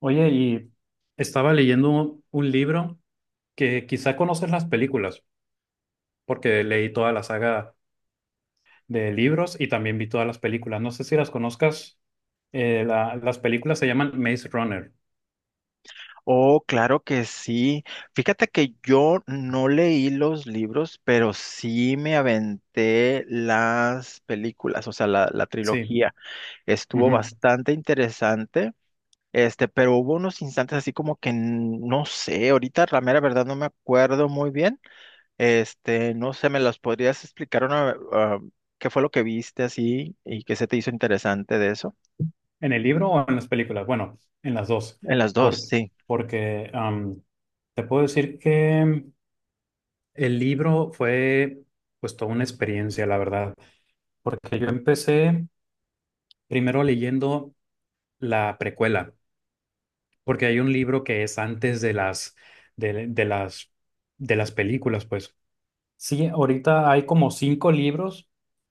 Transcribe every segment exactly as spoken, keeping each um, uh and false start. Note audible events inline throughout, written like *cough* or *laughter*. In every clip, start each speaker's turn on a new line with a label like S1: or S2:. S1: Oye, y estaba leyendo un, un libro que quizá conoces las películas, porque leí toda la saga de libros y también vi todas las películas. No sé si las conozcas. Eh, la- las películas se llaman Maze Runner.
S2: Oh, claro que sí. Fíjate que yo no leí los libros, pero sí me aventé las películas, o sea, la, la
S1: Sí.
S2: trilogía. Estuvo
S1: Ujú.
S2: bastante interesante, este, pero hubo unos instantes así como que n- no sé, ahorita la mera verdad no me acuerdo muy bien. Este, no sé, ¿me las podrías explicar una, ah, qué fue lo que viste así y qué se te hizo interesante de eso?
S1: ¿En el libro o en las películas? Bueno, en las dos.
S2: En las dos,
S1: Por-
S2: sí.
S1: porque am, te puedo decir que el libro fue pues toda una experiencia, la verdad, porque yo empecé primero leyendo la precuela. Porque hay un libro que es antes de las, de, de las, de las películas, pues. Sí, ahorita hay como cinco libros,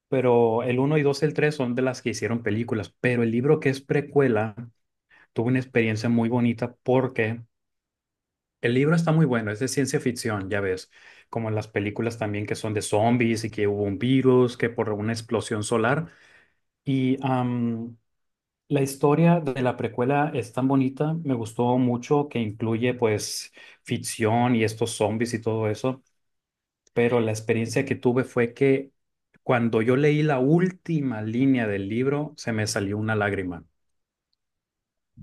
S1: pero el uno y dos y el tres son de las que hicieron películas, pero el libro que es precuela tuvo una experiencia muy bonita porque el libro está muy bueno, es de ciencia ficción, ya ves, como las películas también que son de zombies y que hubo un virus, que por una explosión solar. Y am, la historia de la precuela es tan bonita, me gustó mucho que incluye pues ficción y estos zombies y todo eso, pero la experiencia que tuve fue que cuando yo leí la última línea del libro se me salió una lágrima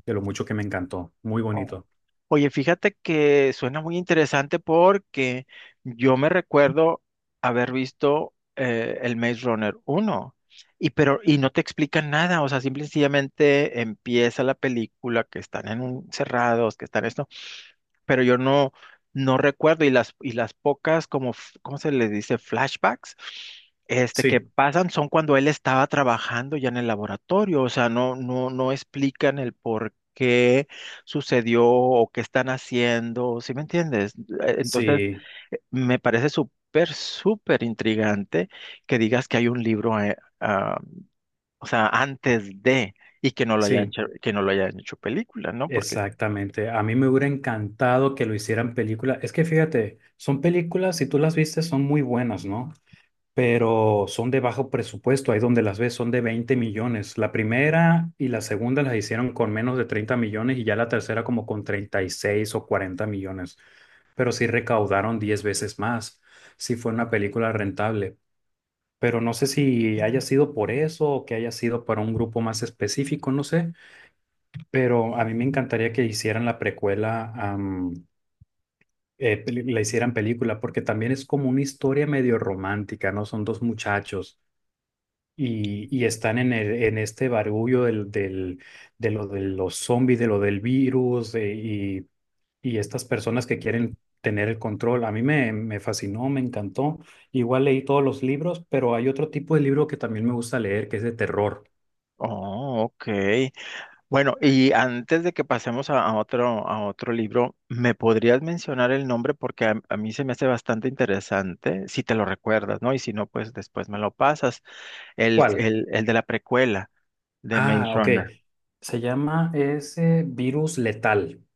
S1: de lo mucho que me encantó, muy
S2: Oh.
S1: bonito.
S2: Oye, fíjate que suena muy interesante porque yo me recuerdo haber visto eh, el Maze Runner uno y pero y no te explican nada, o sea, simple y sencillamente empieza la película que están en un- encerrados, que están en pero yo no, no recuerdo y las, y las pocas como, f- ¿cómo se le dice? Flashbacks, este, que
S1: Sí,
S2: pasan son cuando él estaba trabajando ya en el laboratorio, o sea, no, no, no explican el por qué sucedió o qué están haciendo, ¿sí me entiendes? Eh, Entonces,
S1: sí,
S2: eh, me parece súper, súper intrigante que digas que hay un libro, eh, ah, o sea, antes de, y que no lo hayan
S1: sí,
S2: hecho, que no lo hayan hecho película, ¿no? Porque,
S1: exactamente. A mí me hubiera encantado que lo hicieran película. Es que fíjate, son películas, si tú las viste, son muy buenas, ¿no? Pero son de bajo presupuesto. Ahí donde las ves son de veinte millones. La primera y la segunda las hicieron con menos de treinta millones y ya la tercera como con treinta y seis o cuarenta millones. Pero sí recaudaron diez veces más. Sí fue una película rentable. Pero no sé si haya sido por eso o que haya sido para un grupo más específico, no sé. Pero a mí me encantaría que hicieran la precuela, am, eh, peli- la hicieran película, porque también es como una historia medio romántica, ¿no? Son dos muchachos y, y están en, el- en este barullo del, del, de lo de los zombies, de lo del virus eh, y, y estas personas que quieren tener el control. A mí me, me fascinó, me encantó. Igual leí todos los libros, pero hay otro tipo de libro que también me gusta leer, que es de terror.
S2: oh, ok. Bueno, y antes de que pasemos a, a otro, a otro libro, ¿me podrías mencionar el nombre? Porque a, a mí se me hace bastante interesante, si te lo recuerdas, ¿no? Y si no, pues después me lo pasas. El,
S1: ¿Cuál?
S2: el, el de la precuela de Maze
S1: Ah, ok.
S2: Runner.
S1: Se llama ese Virus Letal.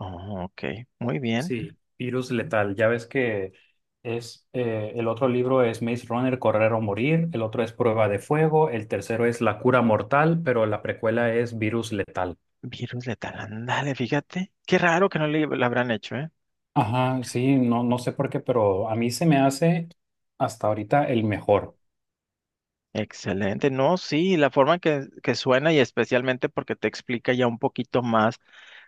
S2: Oh, ok, muy bien.
S1: Sí, virus letal. Ya ves que es eh, el otro libro es Maze Runner, Correr o Morir, el otro es Prueba de Fuego, el tercero es La cura mortal, pero la precuela es Virus letal.
S2: Virus letal, ándale, fíjate. Qué raro que no le, lo habrán hecho, ¿eh?
S1: Ajá, sí, no, no sé por qué, pero a mí se me hace hasta ahorita el mejor.
S2: Excelente. No, sí, la forma en que, que suena y especialmente porque te explica ya un poquito más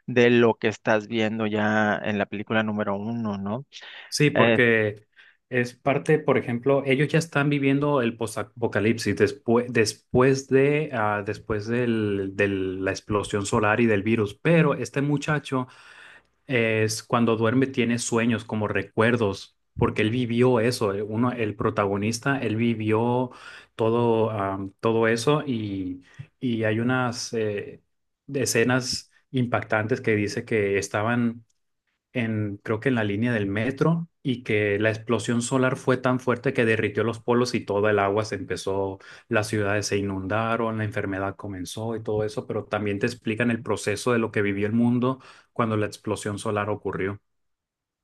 S2: de lo que estás viendo ya en la película número uno, ¿no?
S1: Sí, porque es parte, por ejemplo, ellos ya están viviendo el post-apocalipsis después, después de, ah, después del, de la explosión solar y del virus, pero este muchacho es cuando duerme tiene sueños como recuerdos, porque él vivió eso, el- uno, el protagonista, él vivió todo, am, todo eso y, y hay unas eh, escenas impactantes que dice que estaban en, creo que en la línea del metro, y que la explosión solar fue tan fuerte que derritió los polos y toda el agua se empezó, las ciudades se inundaron, la enfermedad comenzó y todo eso, pero también te explican el proceso de lo que vivió el mundo cuando la explosión solar ocurrió.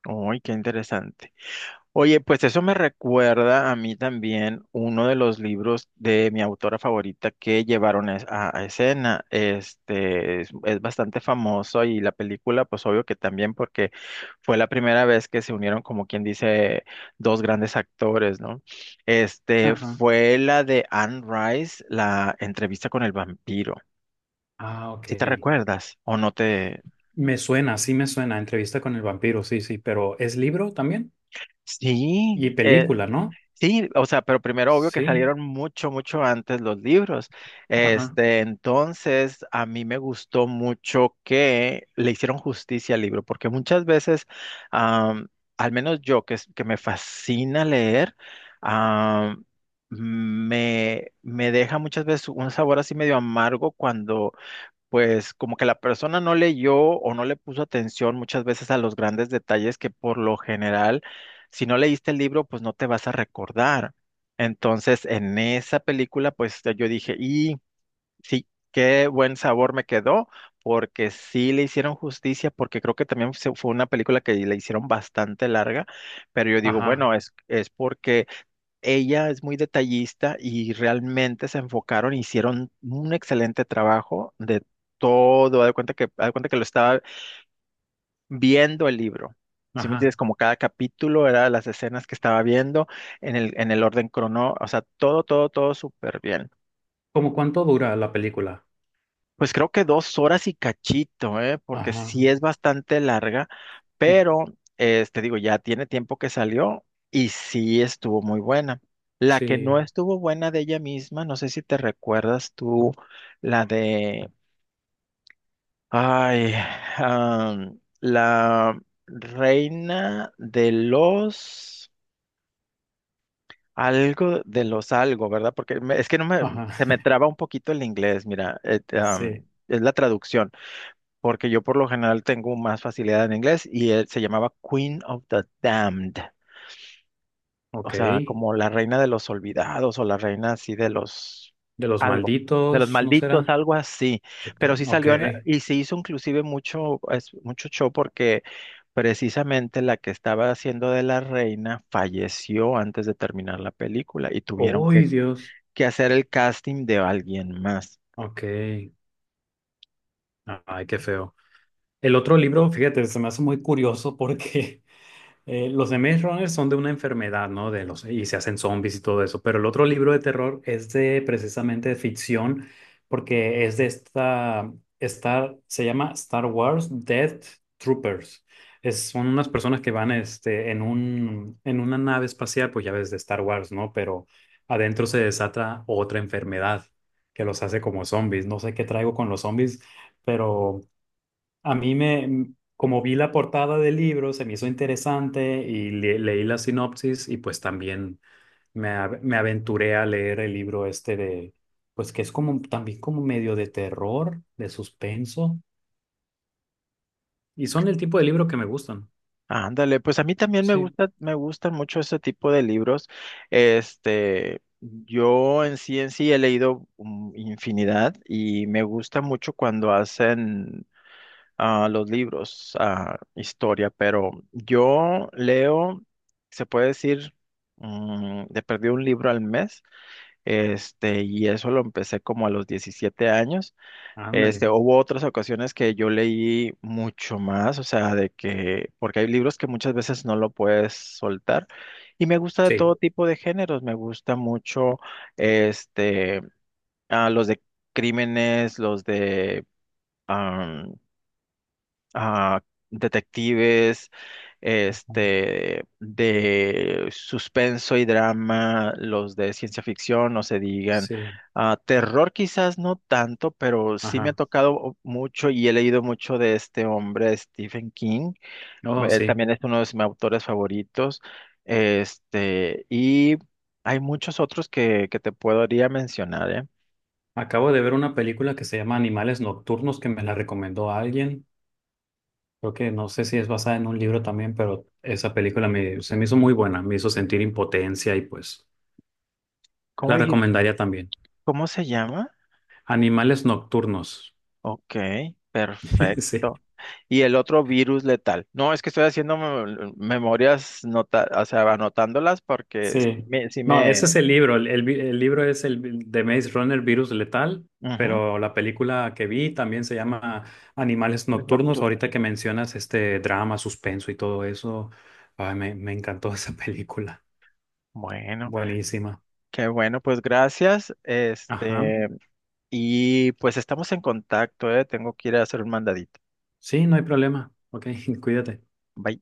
S2: Uy, qué interesante. Oye, pues eso me recuerda a mí también uno de los libros de mi autora favorita que llevaron es- a, a escena. Este es, es bastante famoso y la película, pues obvio que también porque fue la primera vez que se unieron, como quien dice, dos grandes actores, ¿no? Este
S1: Ajá.
S2: fue la de Anne Rice, la entrevista con el vampiro.
S1: Ah,
S2: ¿Si te
S1: ok.
S2: recuerdas o no te?
S1: Me suena, sí me suena, Entrevista con el vampiro, sí, sí, pero es libro también y
S2: Sí, eh,
S1: película, ¿no?
S2: sí, o sea, pero primero obvio que
S1: Sí,
S2: salieron mucho, mucho antes los libros.
S1: ajá,
S2: Este, entonces a mí me gustó mucho que le hicieron justicia al libro, porque muchas veces, am, al menos yo que, es- que me fascina leer, am, me, me deja muchas veces un sabor así medio amargo cuando pues como que la persona no leyó o no le puso atención muchas veces a los grandes detalles que por lo general, si no leíste el libro, pues no te vas a recordar. Entonces, en esa película, pues yo dije, y sí, qué buen sabor me quedó, porque sí le hicieron justicia, porque creo que también se- fue una película que le hicieron bastante larga, pero yo digo,
S1: ajá,
S2: bueno, es, es porque ella es muy detallista y realmente se enfocaron, hicieron un excelente trabajo de todo. Haz de cuenta que, haz de cuenta que lo estaba viendo el libro. Si me entiendes,
S1: ajá.
S2: como cada capítulo era las escenas que estaba viendo en el, en el orden crono, o sea, todo, todo, todo súper bien.
S1: ¿Cómo cuánto dura la película?
S2: Pues creo que dos horas y cachito, ¿eh? Porque
S1: Ajá,
S2: sí es bastante larga,
S1: mm,
S2: pero este digo, ya tiene tiempo que salió y sí estuvo muy buena. La que no
S1: sí,
S2: estuvo buena de ella misma, no sé si te recuerdas tú, la de, ay, am, la reina de los, algo de los algo, ¿verdad? Porque me- es que no me,
S1: ajá.
S2: se me traba un poquito el inglés, mira, et- am,
S1: Sí,
S2: es la traducción. Porque yo por lo general tengo más facilidad en inglés y él se llamaba Queen of the Damned,
S1: ok.
S2: o sea,
S1: De
S2: como la reina de los olvidados o la reina así de los
S1: los
S2: algo, de los
S1: malditos, ¿no
S2: malditos,
S1: será?
S2: algo así.
S1: Te-
S2: Pero
S1: te-
S2: sí
S1: Ok.
S2: salió en- y se hizo inclusive mucho, es- mucho show porque precisamente la que estaba haciendo de la reina falleció antes de terminar la película y tuvieron que
S1: Uy, Dios.
S2: que hacer el casting de alguien más.
S1: Ok. Ay, qué feo. El otro libro, fíjate, se me hace muy curioso porque *laughs* Eh, los de Maze Runner son de una enfermedad, ¿no? De los, y se hacen zombies y todo eso. Pero el otro libro de terror es de precisamente de ficción, porque es de esta, esta, se llama Star Wars Death Troopers. Es, son unas personas que van este, en un, en una nave espacial, pues ya ves de Star Wars, ¿no? Pero adentro se desata otra enfermedad que los hace como zombies. No sé qué traigo con los zombies, pero a mí me, como vi la portada del libro, se me hizo interesante y le- leí la sinopsis y pues también me, a- me aventuré a leer el libro este de, pues que es como también como medio de terror, de suspenso. Y son el tipo de libro que me gustan.
S2: Ándale, pues a mí también me
S1: Sí,
S2: gusta, me gustan mucho ese tipo de libros. Este, yo en sí en sí he leído mm, infinidad y me gusta mucho cuando hacen ah, los libros, ah, historia, pero yo leo, se puede decir, mm, de perdí un libro al mes, este, y eso lo empecé como a los diecisiete años. Este,
S1: ándale.
S2: hubo otras ocasiones que yo leí mucho más, o sea, de que, porque hay libros que muchas veces no lo puedes soltar. Y me gusta de todo
S1: Sí,
S2: tipo de géneros, me gusta mucho, este, ah, los de crímenes, los de ah, detectives, este, de suspenso y drama, los de ciencia ficción, no se digan.
S1: sí,
S2: Ah, terror quizás no tanto, pero sí me ha
S1: ajá.
S2: tocado mucho y he leído mucho de este hombre, Stephen King.
S1: Oh,
S2: Él
S1: sí.
S2: también es uno de mis autores favoritos. Este, y hay muchos otros que, que te podría mencionar, ¿eh?
S1: Acabo de ver una película que se llama Animales Nocturnos que me la recomendó alguien. Creo que no sé si es basada en un libro también, pero esa película me, se me hizo muy buena, me hizo sentir impotencia y pues
S2: ¿Cómo
S1: la
S2: dijiste?
S1: recomendaría también.
S2: ¿Cómo se llama?
S1: Animales nocturnos.
S2: Ok,
S1: *laughs* Sí,
S2: perfecto. Y el otro virus letal. No, es que estoy haciendo mem- memorias, nota, o sea, anotándolas porque sí
S1: sí.
S2: me, sí
S1: No, ese
S2: me,
S1: es el libro. El, el vi- el libro es el vi- de Maze Runner Virus Letal,
S2: ujú,
S1: pero la película que vi también se llama Animales
S2: tienes
S1: nocturnos. Ahorita
S2: nocturnos.
S1: que mencionas este drama, suspenso y todo eso, ay, me, me encantó *laughs* esa película.
S2: Bueno,
S1: Buenísima.
S2: qué bueno, pues gracias.
S1: Ajá.
S2: Este, y pues estamos en contacto, ¿eh? Tengo que ir a hacer un mandadito.
S1: Sí, no hay problema. Ok, *laughs* cuídate.
S2: Bye.